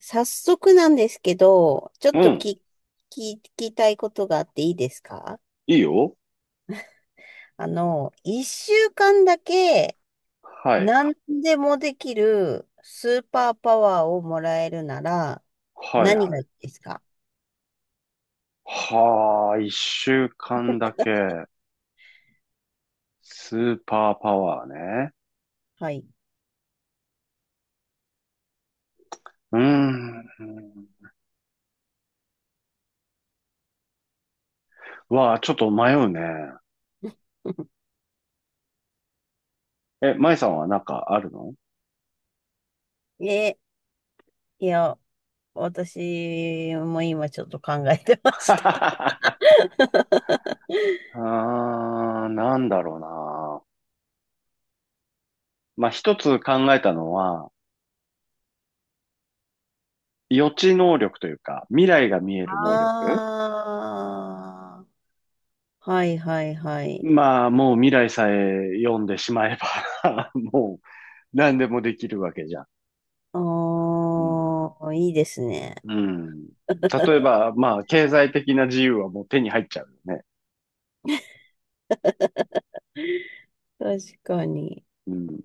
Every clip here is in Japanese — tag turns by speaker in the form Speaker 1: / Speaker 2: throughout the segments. Speaker 1: 早速なんですけど、ちょっ
Speaker 2: う
Speaker 1: と
Speaker 2: ん。
Speaker 1: き聞きたいことがあっていいですか？
Speaker 2: いいよ。
Speaker 1: あの、一週間だけ
Speaker 2: はい。
Speaker 1: 何でもできるスーパーパワーをもらえるなら
Speaker 2: はい
Speaker 1: 何
Speaker 2: は
Speaker 1: がい
Speaker 2: い。
Speaker 1: いですか？
Speaker 2: はあ、一週間だけ。スーパーパワーね。
Speaker 1: はい。
Speaker 2: うーん。わあ、ちょっと迷うね。え、舞さんはなんかあるの？
Speaker 1: え、いや、私も今ちょっと考えてました。
Speaker 2: あー、なんだろうな。まあ、一つ考えたのは、予知能力というか、未来が見える能力。
Speaker 1: ああ、はいはいはい。
Speaker 2: まあ、もう未来さえ読んでしまえば もう何でもできるわけじゃん。うん。
Speaker 1: ああ、いいですね。
Speaker 2: うん。例えば、まあ、経済的な自由はもう手に入っちゃうよね。
Speaker 1: 確かに。
Speaker 2: うん。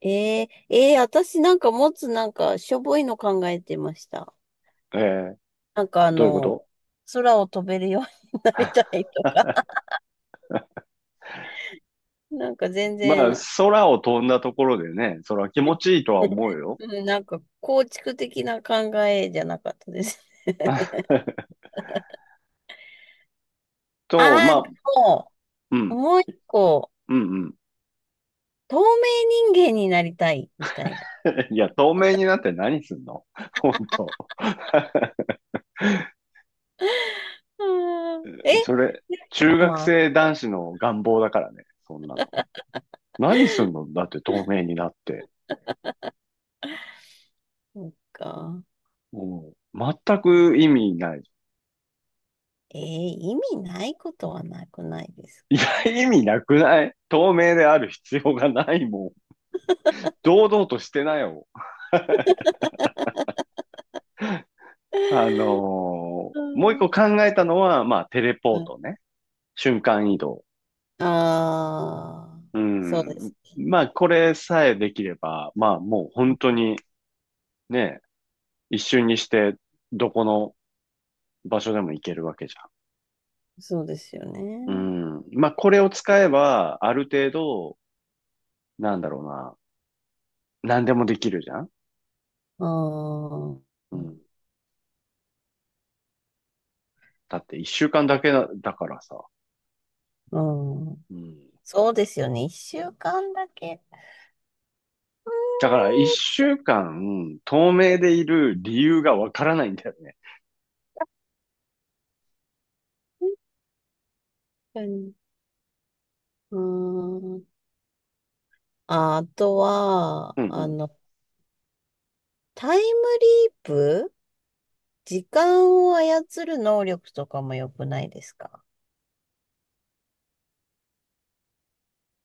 Speaker 1: 私なんかもつなんかしょぼいの考えてました。
Speaker 2: えー、
Speaker 1: なんかあ
Speaker 2: どういうこ
Speaker 1: の、
Speaker 2: と？
Speaker 1: 空を飛べるようになりたいとか、なんか全
Speaker 2: まあ、
Speaker 1: 然、
Speaker 2: 空を飛んだところでね、それは気持ちいいとは思うよ。
Speaker 1: うんなんか構築的な考えじゃなかったです。
Speaker 2: と、
Speaker 1: あ
Speaker 2: ま
Speaker 1: あ、で
Speaker 2: あ、
Speaker 1: も、
Speaker 2: うん、
Speaker 1: もう一個、
Speaker 2: うん、うん。
Speaker 1: 透明人間になりたい、みたいな。
Speaker 2: いや、透明になって何すんの？ 本当。
Speaker 1: うんえ、
Speaker 2: それ、中学
Speaker 1: まあ、
Speaker 2: 生男子の願望だからね、そんなの。何すんのだって透明になって。
Speaker 1: そっか。
Speaker 2: うん、全く意味ない。
Speaker 1: えー、意味ないことはなくないです
Speaker 2: いや、
Speaker 1: か？
Speaker 2: 意味なくない。透明である必要がないもん。堂々としてなよ。あ の
Speaker 1: う
Speaker 2: もう一
Speaker 1: ん。
Speaker 2: 個考えたのは、まあ、テレポートね。瞬間移動。
Speaker 1: ああ、
Speaker 2: う
Speaker 1: そうで
Speaker 2: ん。
Speaker 1: すね。
Speaker 2: まあ、これさえできれば、まあ、もう本当にね、一瞬にして、どこの場所でも行けるわけじ
Speaker 1: そうですよ
Speaker 2: ゃん。
Speaker 1: ね。
Speaker 2: うん。まあ、これを使えば、ある程度、なんだろうな、何でもできるじゃん。
Speaker 1: うん。う
Speaker 2: うん。だって一週間だけだ、だからさ。
Speaker 1: ん。
Speaker 2: うん。
Speaker 1: そうですよね。一週間だけ。
Speaker 2: だから
Speaker 1: う
Speaker 2: 一週間、透明でいる理由がわからないんだよね。
Speaker 1: ーん。確かに。うーん。あ、あとは、
Speaker 2: うんう
Speaker 1: あ
Speaker 2: ん。
Speaker 1: の、タイムリープ、時間を操る能力とかも良くないですか？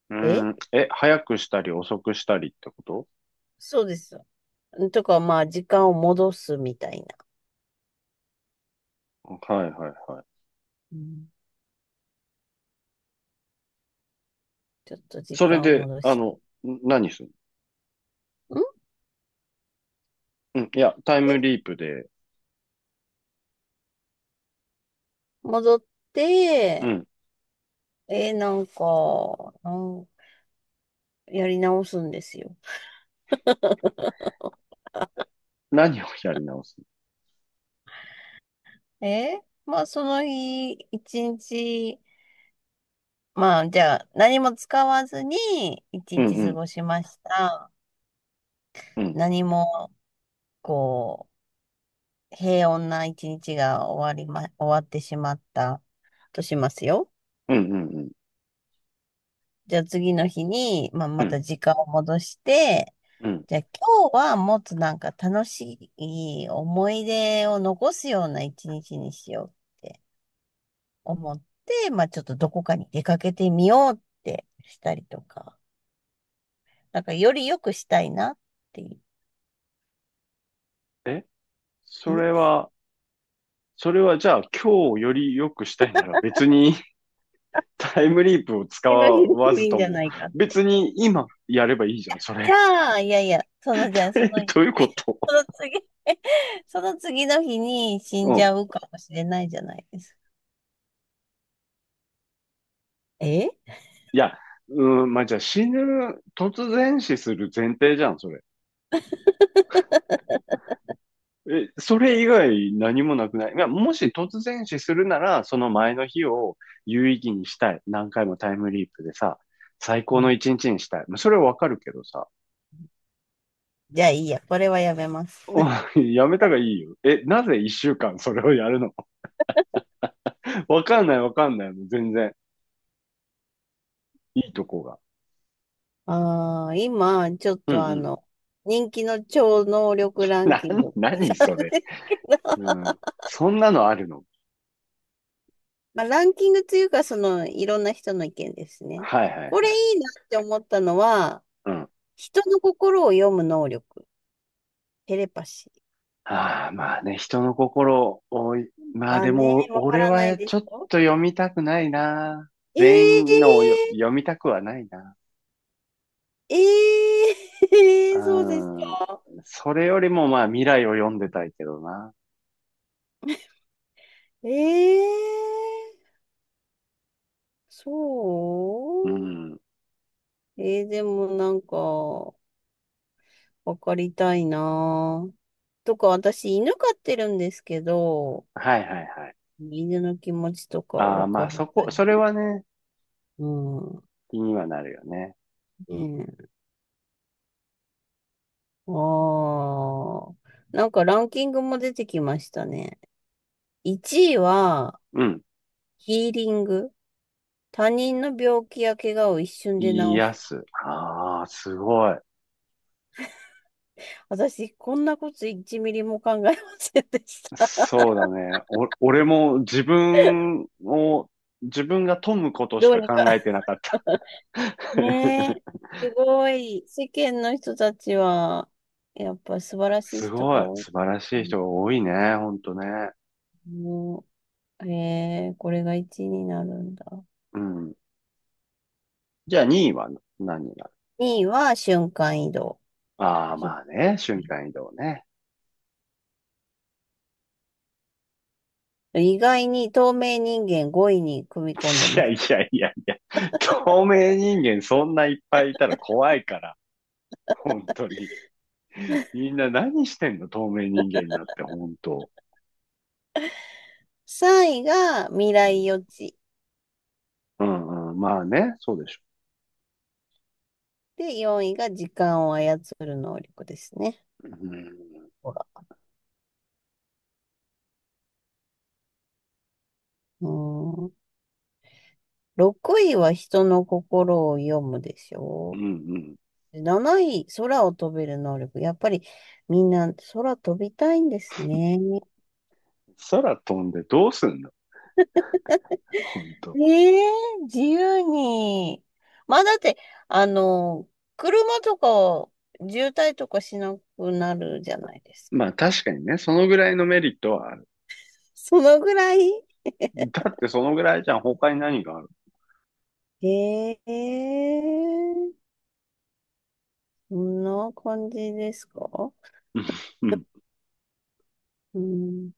Speaker 2: う
Speaker 1: え
Speaker 2: ん。え、早くしたり遅くしたりってこと？
Speaker 1: そうですよ。とか、まあ、時間を戻すみたいな。
Speaker 2: はいはいはい。
Speaker 1: うん、ちょっと時
Speaker 2: それ
Speaker 1: 間を
Speaker 2: で、
Speaker 1: 戻して。
Speaker 2: 何するの？うん。いや、タイム
Speaker 1: ん
Speaker 2: リープで、
Speaker 1: 戻っ
Speaker 2: う
Speaker 1: て、
Speaker 2: ん。
Speaker 1: えーなんか、なんやり直すんですよ。
Speaker 2: 何をやり直す？
Speaker 1: えー、まあ、その日、一日、まあ、じゃあ、何も使わずに、一
Speaker 2: うん
Speaker 1: 日
Speaker 2: う
Speaker 1: 過
Speaker 2: ん
Speaker 1: ごしました。
Speaker 2: うん。
Speaker 1: 何も、こう、平穏な一日が終わりま、終わってしまったとしますよ。
Speaker 2: うんうんうん。
Speaker 1: じゃあ、次の日に、まあ、
Speaker 2: う
Speaker 1: また
Speaker 2: ん
Speaker 1: 時間を戻して、
Speaker 2: うん。
Speaker 1: じゃあ今日はもっとなんか楽しい思い出を残すような一日にしようって思って、まあちょっとどこかに出かけてみようってしたりとか、なんかより良くしたいなっていう。
Speaker 2: え、それ
Speaker 1: え、
Speaker 2: は、それはじゃあ今日より良くしたいなら別に タイムリープを使
Speaker 1: 次の日で
Speaker 2: わ
Speaker 1: もい
Speaker 2: ず
Speaker 1: いん
Speaker 2: と
Speaker 1: じゃ
Speaker 2: も、
Speaker 1: ないかって。
Speaker 2: 別に今やればいいじゃん、そ
Speaker 1: じゃ
Speaker 2: れ。
Speaker 1: あ、いやいや、そのじゃあ そ
Speaker 2: え、
Speaker 1: の、
Speaker 2: どういうこと？
Speaker 1: その次、その次の日に死ん
Speaker 2: う
Speaker 1: じ
Speaker 2: ん。
Speaker 1: ゃうかもしれないじゃないですか。え
Speaker 2: いや、うん、まあ、じゃあ突然死する前提じゃん、それ。え、それ以外何もなくない。いやもし突然死するなら、その前の日を有意義にしたい。何回もタイムリープでさ、最
Speaker 1: う
Speaker 2: 高の
Speaker 1: ん
Speaker 2: 一日にしたい。まあそれはわかるけどさ、
Speaker 1: じゃあいいや、これはやめます。
Speaker 2: お、いやめたがいいよ。え、なぜ一週間それをやるの？ わかんないわかんない。もう全然。いいとこが。
Speaker 1: ああ、今、ちょっ
Speaker 2: う
Speaker 1: と
Speaker 2: んう
Speaker 1: あ
Speaker 2: ん。
Speaker 1: の、人気の超能力ラン
Speaker 2: な、
Speaker 1: キング。
Speaker 2: 何それ。うん。そんなのあるの？
Speaker 1: まあ、ランキングというか、その、いろんな人の意見ですね。
Speaker 2: はいはい
Speaker 1: これ
Speaker 2: はい。
Speaker 1: いいなって思ったのは、
Speaker 2: うん。
Speaker 1: 人の心を読む能力、テレパシー
Speaker 2: ああ、まあね、人の心を、まあ
Speaker 1: は
Speaker 2: で
Speaker 1: ね、
Speaker 2: も、
Speaker 1: わか
Speaker 2: 俺
Speaker 1: らない
Speaker 2: は
Speaker 1: で
Speaker 2: ちょ
Speaker 1: し
Speaker 2: っ
Speaker 1: ょ？
Speaker 2: と読みたくないな。
Speaker 1: え
Speaker 2: 全員のをよ読
Speaker 1: え
Speaker 2: みたくはないな。
Speaker 1: ええ
Speaker 2: う
Speaker 1: ー そうです
Speaker 2: ん。
Speaker 1: か。
Speaker 2: それよりもまあ未来を読んでたいけどな。
Speaker 1: ええそ
Speaker 2: う
Speaker 1: う
Speaker 2: ん。
Speaker 1: でもなんか、わかりたいな。とか、私、犬飼ってるんですけど、
Speaker 2: はいはいはい。
Speaker 1: 犬の気持ちとか
Speaker 2: ああ、
Speaker 1: わ
Speaker 2: ま
Speaker 1: か
Speaker 2: あ
Speaker 1: ら
Speaker 2: そ
Speaker 1: な
Speaker 2: こ、
Speaker 1: い。
Speaker 2: それはね、
Speaker 1: うん。
Speaker 2: 気にはなるよね。
Speaker 1: ねえ。ああ。なんかランキングも出てきましたね。1位は、
Speaker 2: うん。
Speaker 1: ヒーリング。他人の病気や怪我を一瞬で治
Speaker 2: 癒
Speaker 1: す。
Speaker 2: す。ああ、すごい。
Speaker 1: 私、こんなこと1ミリも考えませんでした。
Speaker 2: そうだね。お、俺も自分が富むこ とし
Speaker 1: どう
Speaker 2: か
Speaker 1: にか。
Speaker 2: 考えてなかった。
Speaker 1: ねえ。すごい。世間の人たちは、やっぱ素晴らしい
Speaker 2: す
Speaker 1: 人
Speaker 2: ご
Speaker 1: が
Speaker 2: い。
Speaker 1: 多い。
Speaker 2: 素晴らしい人が多いね。ほんとね。
Speaker 1: うんえー、これが1になるんだ。
Speaker 2: うん。じゃあ2位は何になる？
Speaker 1: 2位は瞬間移動。
Speaker 2: ああ、
Speaker 1: 瞬
Speaker 2: まあね。
Speaker 1: 間
Speaker 2: 瞬
Speaker 1: 移
Speaker 2: 間移動ね。
Speaker 1: 動意外に透明人間5位に組み込んで
Speaker 2: い
Speaker 1: ま
Speaker 2: や
Speaker 1: す。
Speaker 2: いやいやいや。透明人間そんないっぱいいたら怖いから。本当に。みんな何してんの？透明人間になって、本当。
Speaker 1: 3位が未
Speaker 2: う
Speaker 1: 来
Speaker 2: ん、
Speaker 1: 予知。
Speaker 2: うんうん、まあね、そうでしょ。
Speaker 1: で、4位が時間を操る能力ですね。
Speaker 2: うん、
Speaker 1: ほら。うーん。6位は人の心を読むでし
Speaker 2: うん、
Speaker 1: ょ
Speaker 2: うん。
Speaker 1: う。7位、空を飛べる能力。やっぱりみんな空飛びたいんですね。
Speaker 2: 空飛んでどうすんの？本当。
Speaker 1: ええ自由に。まあだって、あの、車とか渋滞とかしなくなるじゃないです
Speaker 2: まあ
Speaker 1: か。
Speaker 2: 確かにね、そのぐらいのメリットはある。
Speaker 1: そのぐらい。
Speaker 2: だってそのぐらいじゃん、他に何がある？
Speaker 1: ええそんな感じですか？
Speaker 2: うん
Speaker 1: うん。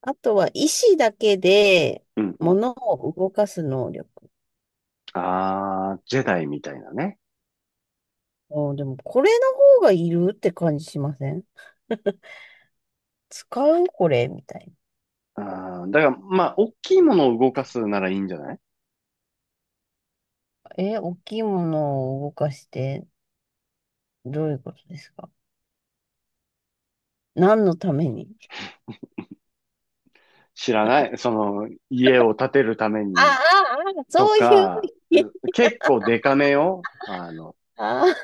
Speaker 1: あとは意志だけで
Speaker 2: うんうん。
Speaker 1: 物を動かす能力。
Speaker 2: ああ、ジェダイみたいなね。
Speaker 1: あ、でもこれの方がいるって感じしません？使うこれみたいな。
Speaker 2: あー、だから、まあ、大きいものを動かすならいいんじゃない？
Speaker 1: え、大きいものを動かしてどういうことですか？何のために？
Speaker 2: 知らない。その、家を建てるため
Speaker 1: あ
Speaker 2: に
Speaker 1: あ、ああ、
Speaker 2: と
Speaker 1: そういう
Speaker 2: か、
Speaker 1: 意味。
Speaker 2: う結構デカめよ。
Speaker 1: ああ、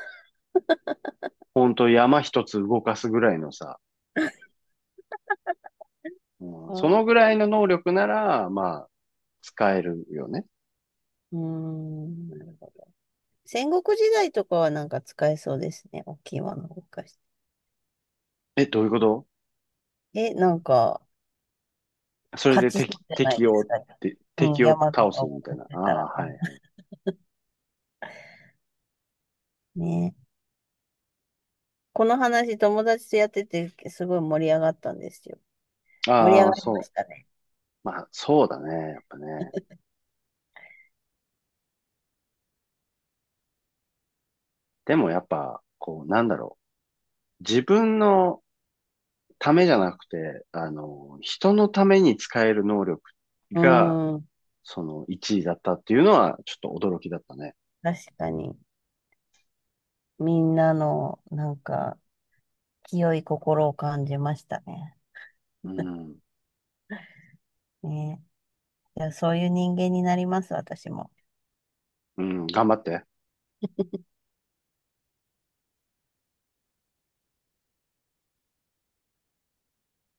Speaker 2: ほんと山一つ動かすぐらいのさ、うん、その
Speaker 1: あ
Speaker 2: ぐらいの能力なら、まあ、使えるよね。
Speaker 1: うーん、なるほど。戦国時代とかはなんか使えそうですね。大きいものを動かし
Speaker 2: え、どういうこと？
Speaker 1: て。え、なんか、
Speaker 2: それ
Speaker 1: 勝
Speaker 2: で
Speaker 1: ちそ
Speaker 2: 敵、
Speaker 1: うじゃない
Speaker 2: 敵
Speaker 1: で
Speaker 2: を
Speaker 1: す
Speaker 2: っ
Speaker 1: か。
Speaker 2: て、
Speaker 1: うん、
Speaker 2: 敵を
Speaker 1: 山と
Speaker 2: 倒
Speaker 1: か
Speaker 2: すみ
Speaker 1: を
Speaker 2: た
Speaker 1: や
Speaker 2: い
Speaker 1: っ
Speaker 2: な。あ
Speaker 1: てたら。
Speaker 2: あ、は
Speaker 1: あ、
Speaker 2: い。
Speaker 1: ね。この話、友達とやってて、すごい盛り上がったんですよ。盛り上
Speaker 2: ああ、
Speaker 1: がりま
Speaker 2: そ
Speaker 1: したね。
Speaker 2: う。まあ、そうだね。やっぱね。でもやっぱ、こう、なんだろう。自分のためじゃなくて、人のために使える能力
Speaker 1: うー
Speaker 2: が、
Speaker 1: ん、
Speaker 2: その1位だったっていうのは、ちょっと驚きだったね。
Speaker 1: 確かに。みんなの、なんか、清い心を感じましたね。
Speaker 2: うん。
Speaker 1: ね。いや、そういう人間になります、私も。
Speaker 2: うん、頑張って。